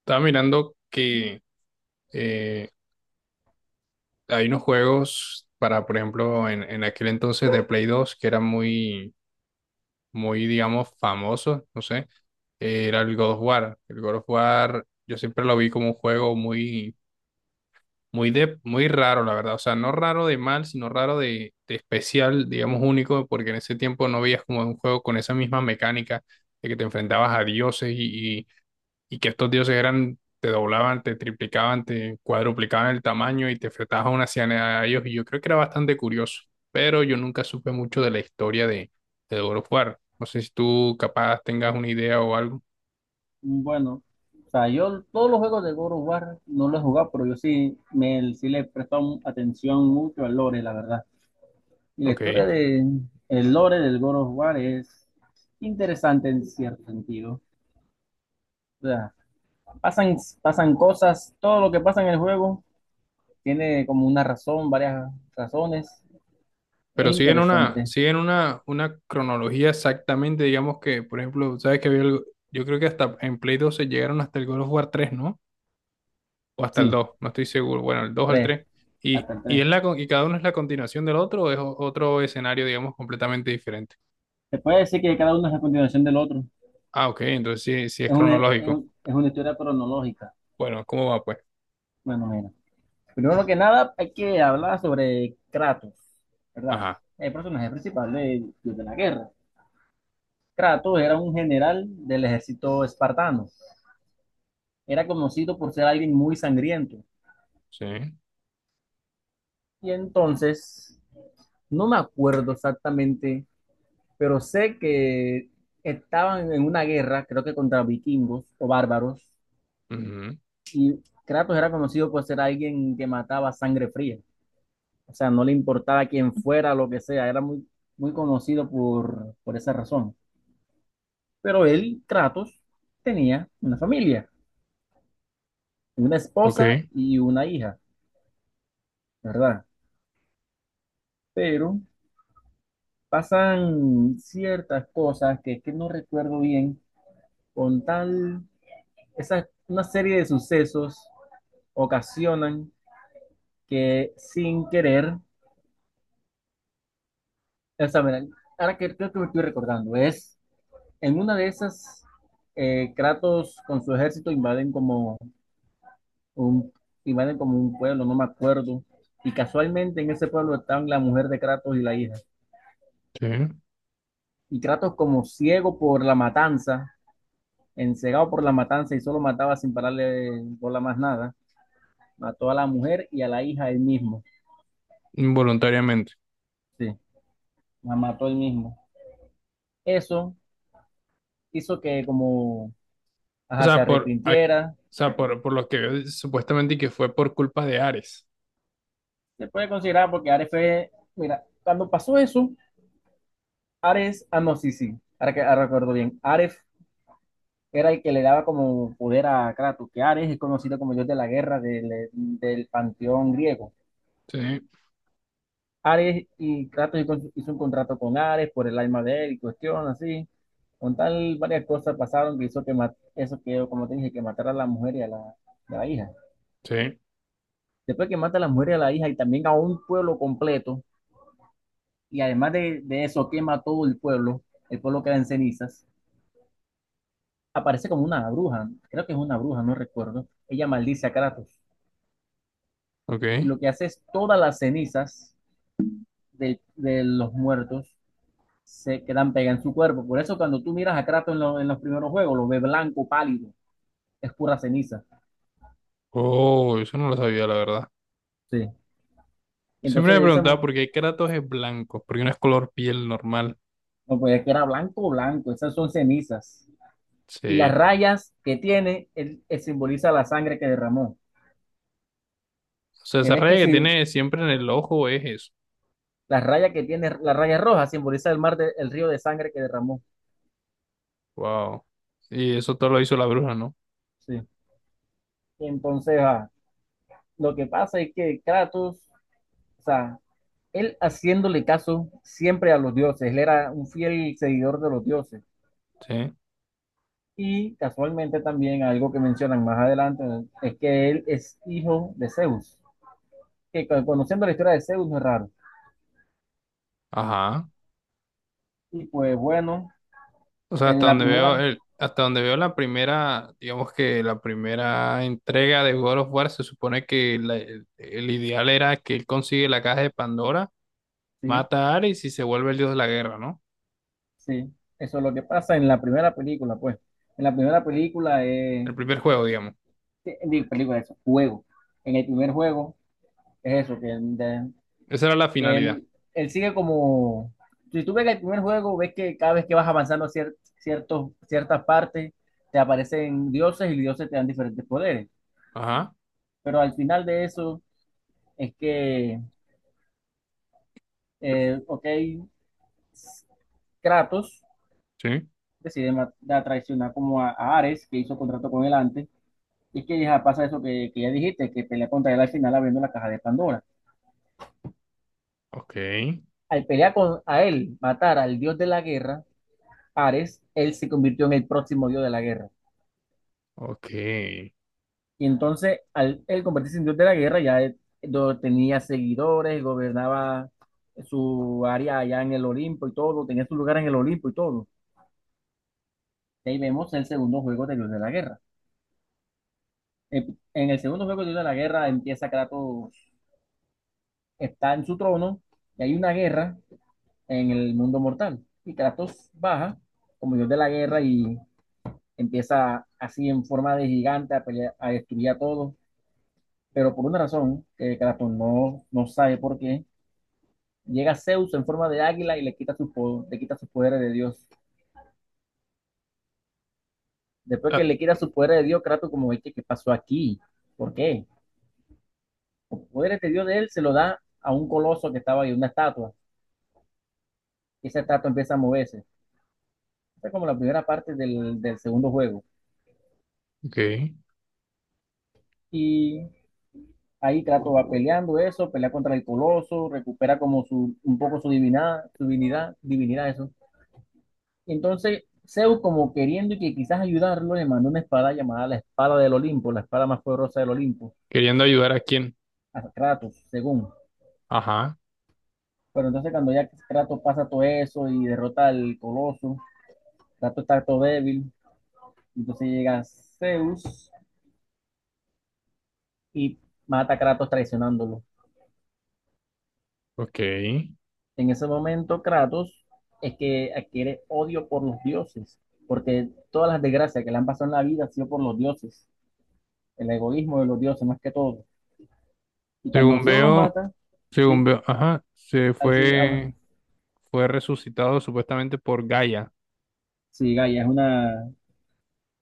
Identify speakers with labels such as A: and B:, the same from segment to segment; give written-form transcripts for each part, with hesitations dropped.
A: Estaba mirando que eh, hay unos juegos para, por ejemplo, en aquel entonces de Play 2 que eran muy, muy, digamos, famosos, no sé, era el God of War. El God of War yo siempre lo vi como un juego muy, muy, muy raro, la verdad. O sea, no raro de mal, sino raro de especial, digamos, único, porque en ese tiempo no veías como un juego con esa misma mecánica de que te enfrentabas a dioses y que estos dioses eran, te doblaban, te triplicaban, te cuadruplicaban el tamaño y te enfrentabas a una cianea a ellos. Y yo creo que era bastante curioso, pero yo nunca supe mucho de la historia de God of War. No sé si tú capaz tengas una idea o algo.
B: Bueno, o sea, yo todos los juegos de God of War no los he jugado, pero yo sí, me, sí le he prestado atención mucho al lore, la verdad. Y la
A: Ok.
B: historia de el lore del God of War es interesante en cierto sentido. O sea, pasan cosas, todo lo que pasa en el juego tiene como una razón, varias razones. Es
A: Pero
B: interesante.
A: siguen una cronología exactamente, digamos que, por ejemplo, sabes que había yo creo que hasta en Play 2 se llegaron hasta el God of War 3, ¿no? O hasta el
B: Sí,
A: 2 no estoy seguro, bueno, el 2 o el
B: tres,
A: 3,
B: hasta el tres.
A: es la, y cada uno es la continuación del otro o es otro escenario, digamos, completamente diferente.
B: Se puede decir que cada uno es la continuación del otro.
A: Ah, ok, entonces sí, sí es
B: Es una,
A: cronológico.
B: es una historia cronológica.
A: Bueno, ¿cómo va pues?
B: Bueno, mira. Primero que nada, hay que hablar sobre Kratos, ¿verdad?
A: Ajá,
B: El personaje principal de la guerra. Kratos era un general del ejército espartano. Era conocido por ser alguien muy sangriento.
A: sí.
B: Y entonces, no me acuerdo exactamente, pero sé que estaban en una guerra, creo que contra vikingos o bárbaros,
A: Ujú,
B: y Kratos era conocido por ser alguien que mataba a sangre fría. O sea, no le importaba quién fuera, lo que sea, era muy, muy conocido por esa razón. Pero él, Kratos, tenía una familia, una
A: ok,
B: esposa y una hija, ¿verdad? Pero pasan ciertas cosas que no recuerdo bien, con tal, esa, una serie de sucesos ocasionan que sin querer, o sea, mira, ahora que creo que me estoy recordando, es en una de esas, Kratos con su ejército invaden como un, iban a como un pueblo, no me acuerdo. Y casualmente en ese pueblo estaban la mujer de Kratos y la hija.
A: sí.
B: Y Kratos como ciego por la matanza, encegado por la matanza y solo mataba sin pararle bola más nada, mató a la mujer y a la hija él mismo.
A: Involuntariamente.
B: Sí, la mató él mismo. Eso hizo que como
A: O
B: ajá, se
A: sea, o
B: arrepintiera.
A: sea, por lo que veo, supuestamente que fue por culpa de Ares.
B: Se puede considerar porque Ares fue, mira, cuando pasó eso, Ares, ah no, sí, sí, ahora que ahora recuerdo bien, Ares era el que le daba como poder a Kratos, que Ares es conocido como dios de la guerra del panteón griego.
A: Sí,
B: Ares y Kratos hizo un contrato con Ares por el alma de él y cuestión así. Con tal, varias cosas pasaron que hizo que eso que, como te dije, que matara a la mujer y a y a la hija.
A: sí,
B: Después que mata a la mujer y a la hija y también a un pueblo completo, y además de eso quema todo el pueblo queda en cenizas, aparece como una bruja, creo que es una bruja, no recuerdo. Ella maldice a Kratos y
A: ok.
B: lo que hace es todas las cenizas de los muertos se quedan pegadas en su cuerpo. Por eso cuando tú miras a Kratos en, en los primeros juegos, lo ves blanco, pálido, es pura ceniza.
A: Oh, eso no lo sabía, la verdad.
B: Sí.
A: Siempre
B: Entonces
A: me
B: de esa,
A: preguntaba por qué Kratos es blanco, porque no es color piel normal.
B: no puede que era blanco, blanco, esas son cenizas. Y las
A: Sí.
B: rayas que tiene, él simboliza la sangre que derramó.
A: O sea,
B: Que
A: esa
B: ves que
A: raya que
B: si
A: tiene siempre en el ojo es eso.
B: las rayas que tiene, la raya roja simboliza el mar, el río de sangre que derramó.
A: Wow. Y eso todo lo hizo la bruja, ¿no?
B: Sí. Entonces, lo que pasa es que Kratos, o sea, él haciéndole caso siempre a los dioses, él era un fiel seguidor de los dioses.
A: Sí.
B: Y casualmente también algo que mencionan más adelante es que él es hijo de Zeus, que conociendo la historia de Zeus no es raro.
A: Ajá.
B: Y pues bueno,
A: O sea,
B: en la primera,
A: hasta donde veo la primera, digamos que la primera entrega de God of War, se supone que el ideal era que él consigue la caja de Pandora,
B: sí,
A: mata a Ares y se vuelve el dios de la guerra, ¿no?
B: sí, eso es lo que pasa en la primera película, pues. En la primera película,
A: El primer juego, digamos.
B: sí, digo, película, eso, juego. En el primer juego es eso, que
A: Esa era la
B: que
A: finalidad.
B: él sigue como, si tú ves el primer juego, ves que cada vez que vas avanzando ciertas partes, te aparecen dioses y los dioses te dan diferentes poderes.
A: Ajá.
B: Pero al final de eso es que, ok, Kratos
A: Sí.
B: decide traicionar como a Ares, que hizo contrato con él antes, y es que ya pasa eso que ya dijiste, que pelea contra él al final abriendo la caja de Pandora.
A: Ok.
B: Al pelear con a él, matar al dios de la guerra, Ares, él se convirtió en el próximo dios de la guerra.
A: Ok.
B: Y entonces, al él convertirse en dios de la guerra, ya tenía seguidores, gobernaba su área allá en el Olimpo y todo, tenía su lugar en el Olimpo y todo. Y ahí vemos el segundo juego de Dios de la Guerra. En el segundo juego de Dios de la Guerra empieza Kratos, está en su trono y hay una guerra en el mundo mortal. Y Kratos baja como Dios de la Guerra y empieza así en forma de gigante a pelear, a destruir a todos. Pero por una razón que Kratos no sabe por qué llega Zeus en forma de águila y le quita, su, le quita sus su poderes de Dios. Después que
A: Ah,
B: le quita sus poderes de Dios, Kratos como, "Oye, ¿qué pasó aquí? ¿Por qué?" Los poderes de Dios de él se lo da a un coloso que estaba ahí, una estatua. Y esa estatua empieza a moverse. Esa es como la primera parte del segundo juego.
A: ok.
B: Y ahí Kratos va peleando eso, pelea contra el coloso, recupera como su, un poco su divinidad, divinidad eso. Y entonces Zeus como queriendo y que quizás ayudarlo, le mandó una espada llamada la espada del Olimpo, la espada más poderosa del Olimpo
A: Queriendo ayudar a quién.
B: a Kratos, según.
A: Ajá.
B: Pero entonces cuando ya Kratos pasa todo eso y derrota al coloso, Kratos está todo débil, entonces llega Zeus y mata a Kratos traicionándolo.
A: Ok.
B: En ese momento Kratos es que adquiere odio por los dioses, porque todas las desgracias que le han pasado en la vida han sido por los dioses, el egoísmo de los dioses más que todo. Y cuando
A: Según
B: Zeus lo
A: veo,
B: mata,
A: según
B: sí,
A: veo, ajá, se
B: ahí sí habla.
A: fue, fue resucitado supuestamente por Gaia,
B: Sí, Gaia es una,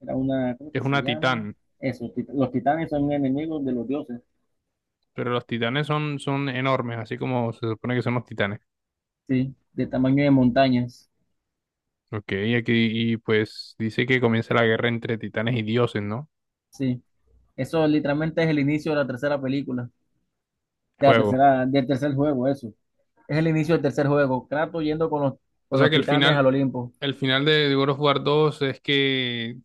B: era una, ¿cómo
A: que
B: que
A: es
B: se
A: una
B: llama?
A: titán,
B: Eso, los titanes son enemigos de los dioses.
A: pero los titanes son, son enormes, así como se supone que son los titanes.
B: Sí, de tamaño de montañas.
A: Ok, y aquí, y pues dice que comienza la guerra entre titanes y dioses, ¿no?
B: Sí. Eso literalmente es el inicio de la tercera película, de la
A: Juego.
B: tercera, del tercer juego, eso. Es el inicio del tercer juego. Kratos yendo
A: O
B: con
A: sea
B: los
A: que
B: titanes al Olimpo.
A: el final de God of War dos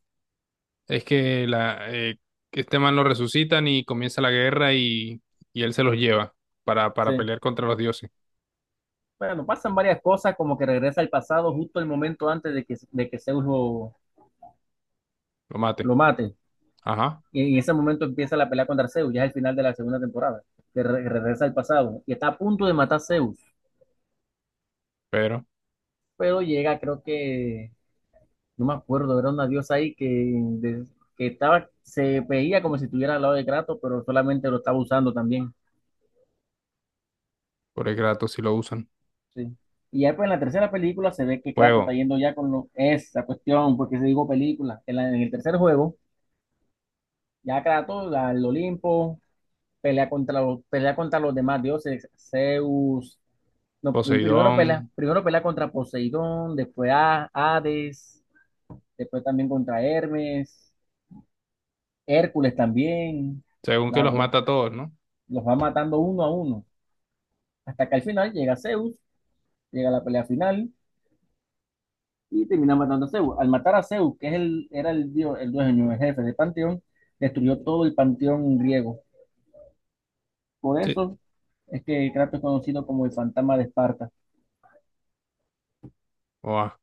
A: es que que este man lo resucitan y comienza la guerra y él se los lleva para
B: Sí.
A: pelear contra los dioses,
B: Bueno, pasan varias cosas, como que regresa al pasado justo el momento antes de que Zeus
A: lo mate.
B: lo mate.
A: Ajá,
B: Y en ese momento empieza la pelea contra Zeus, ya es el final de la segunda temporada, que regresa al pasado. Y está a punto de matar a Zeus,
A: pero...
B: pero llega, creo que no me acuerdo, era una diosa ahí que, que estaba, se veía como si estuviera al lado de Kratos, pero solamente lo estaba usando también.
A: Pobre Kratos si lo usan.
B: Sí. Y ya pues en la tercera película se ve que Kratos está
A: Fuego,
B: yendo ya con esa cuestión, porque se digo película. En, en el tercer juego, ya Kratos al Olimpo, pelea contra los demás dioses, Zeus. No,
A: Poseidón,
B: primero pelea contra Poseidón, después a Hades, después también contra Hermes, Hércules también.
A: según que los
B: Lago
A: mata a todos, ¿no?
B: los va matando uno a uno, hasta que al final llega Zeus, llega la pelea final y termina matando a Zeus. Al matar a Zeus, que es el, era el dios, el dueño, el jefe del panteón, destruyó todo el panteón griego. Por
A: Sí,
B: eso es que Kratos es conocido como el fantasma de Esparta.
A: oa.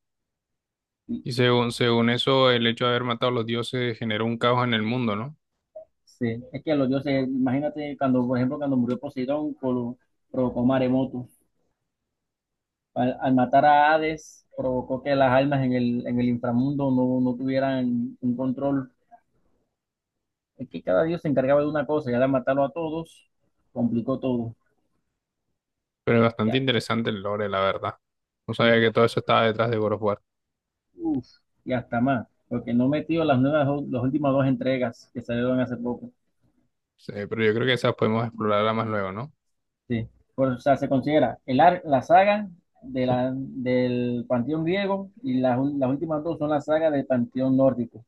B: Y,
A: Y según, según eso, el hecho de haber matado a los dioses generó un caos en el mundo, ¿no?
B: sí, es que a los dioses, imagínate cuando, por ejemplo, cuando murió Poseidón, provocó maremotos. Al matar a Hades, provocó que las almas en el inframundo no tuvieran un control. Es que cada dios se encargaba de una cosa y al matarlo a todos, complicó todo.
A: Pero es bastante
B: Ya,
A: interesante el lore, la verdad. No sabía
B: sí.
A: que todo eso estaba detrás de God of War.
B: Uf, y hasta más. Porque no metió las nuevas, las últimas dos entregas que salieron hace poco.
A: Sí, pero yo creo que esas podemos explorarla más luego, ¿no?
B: Sí. O sea, se considera la saga del panteón griego y las últimas dos son la saga del panteón nórdico.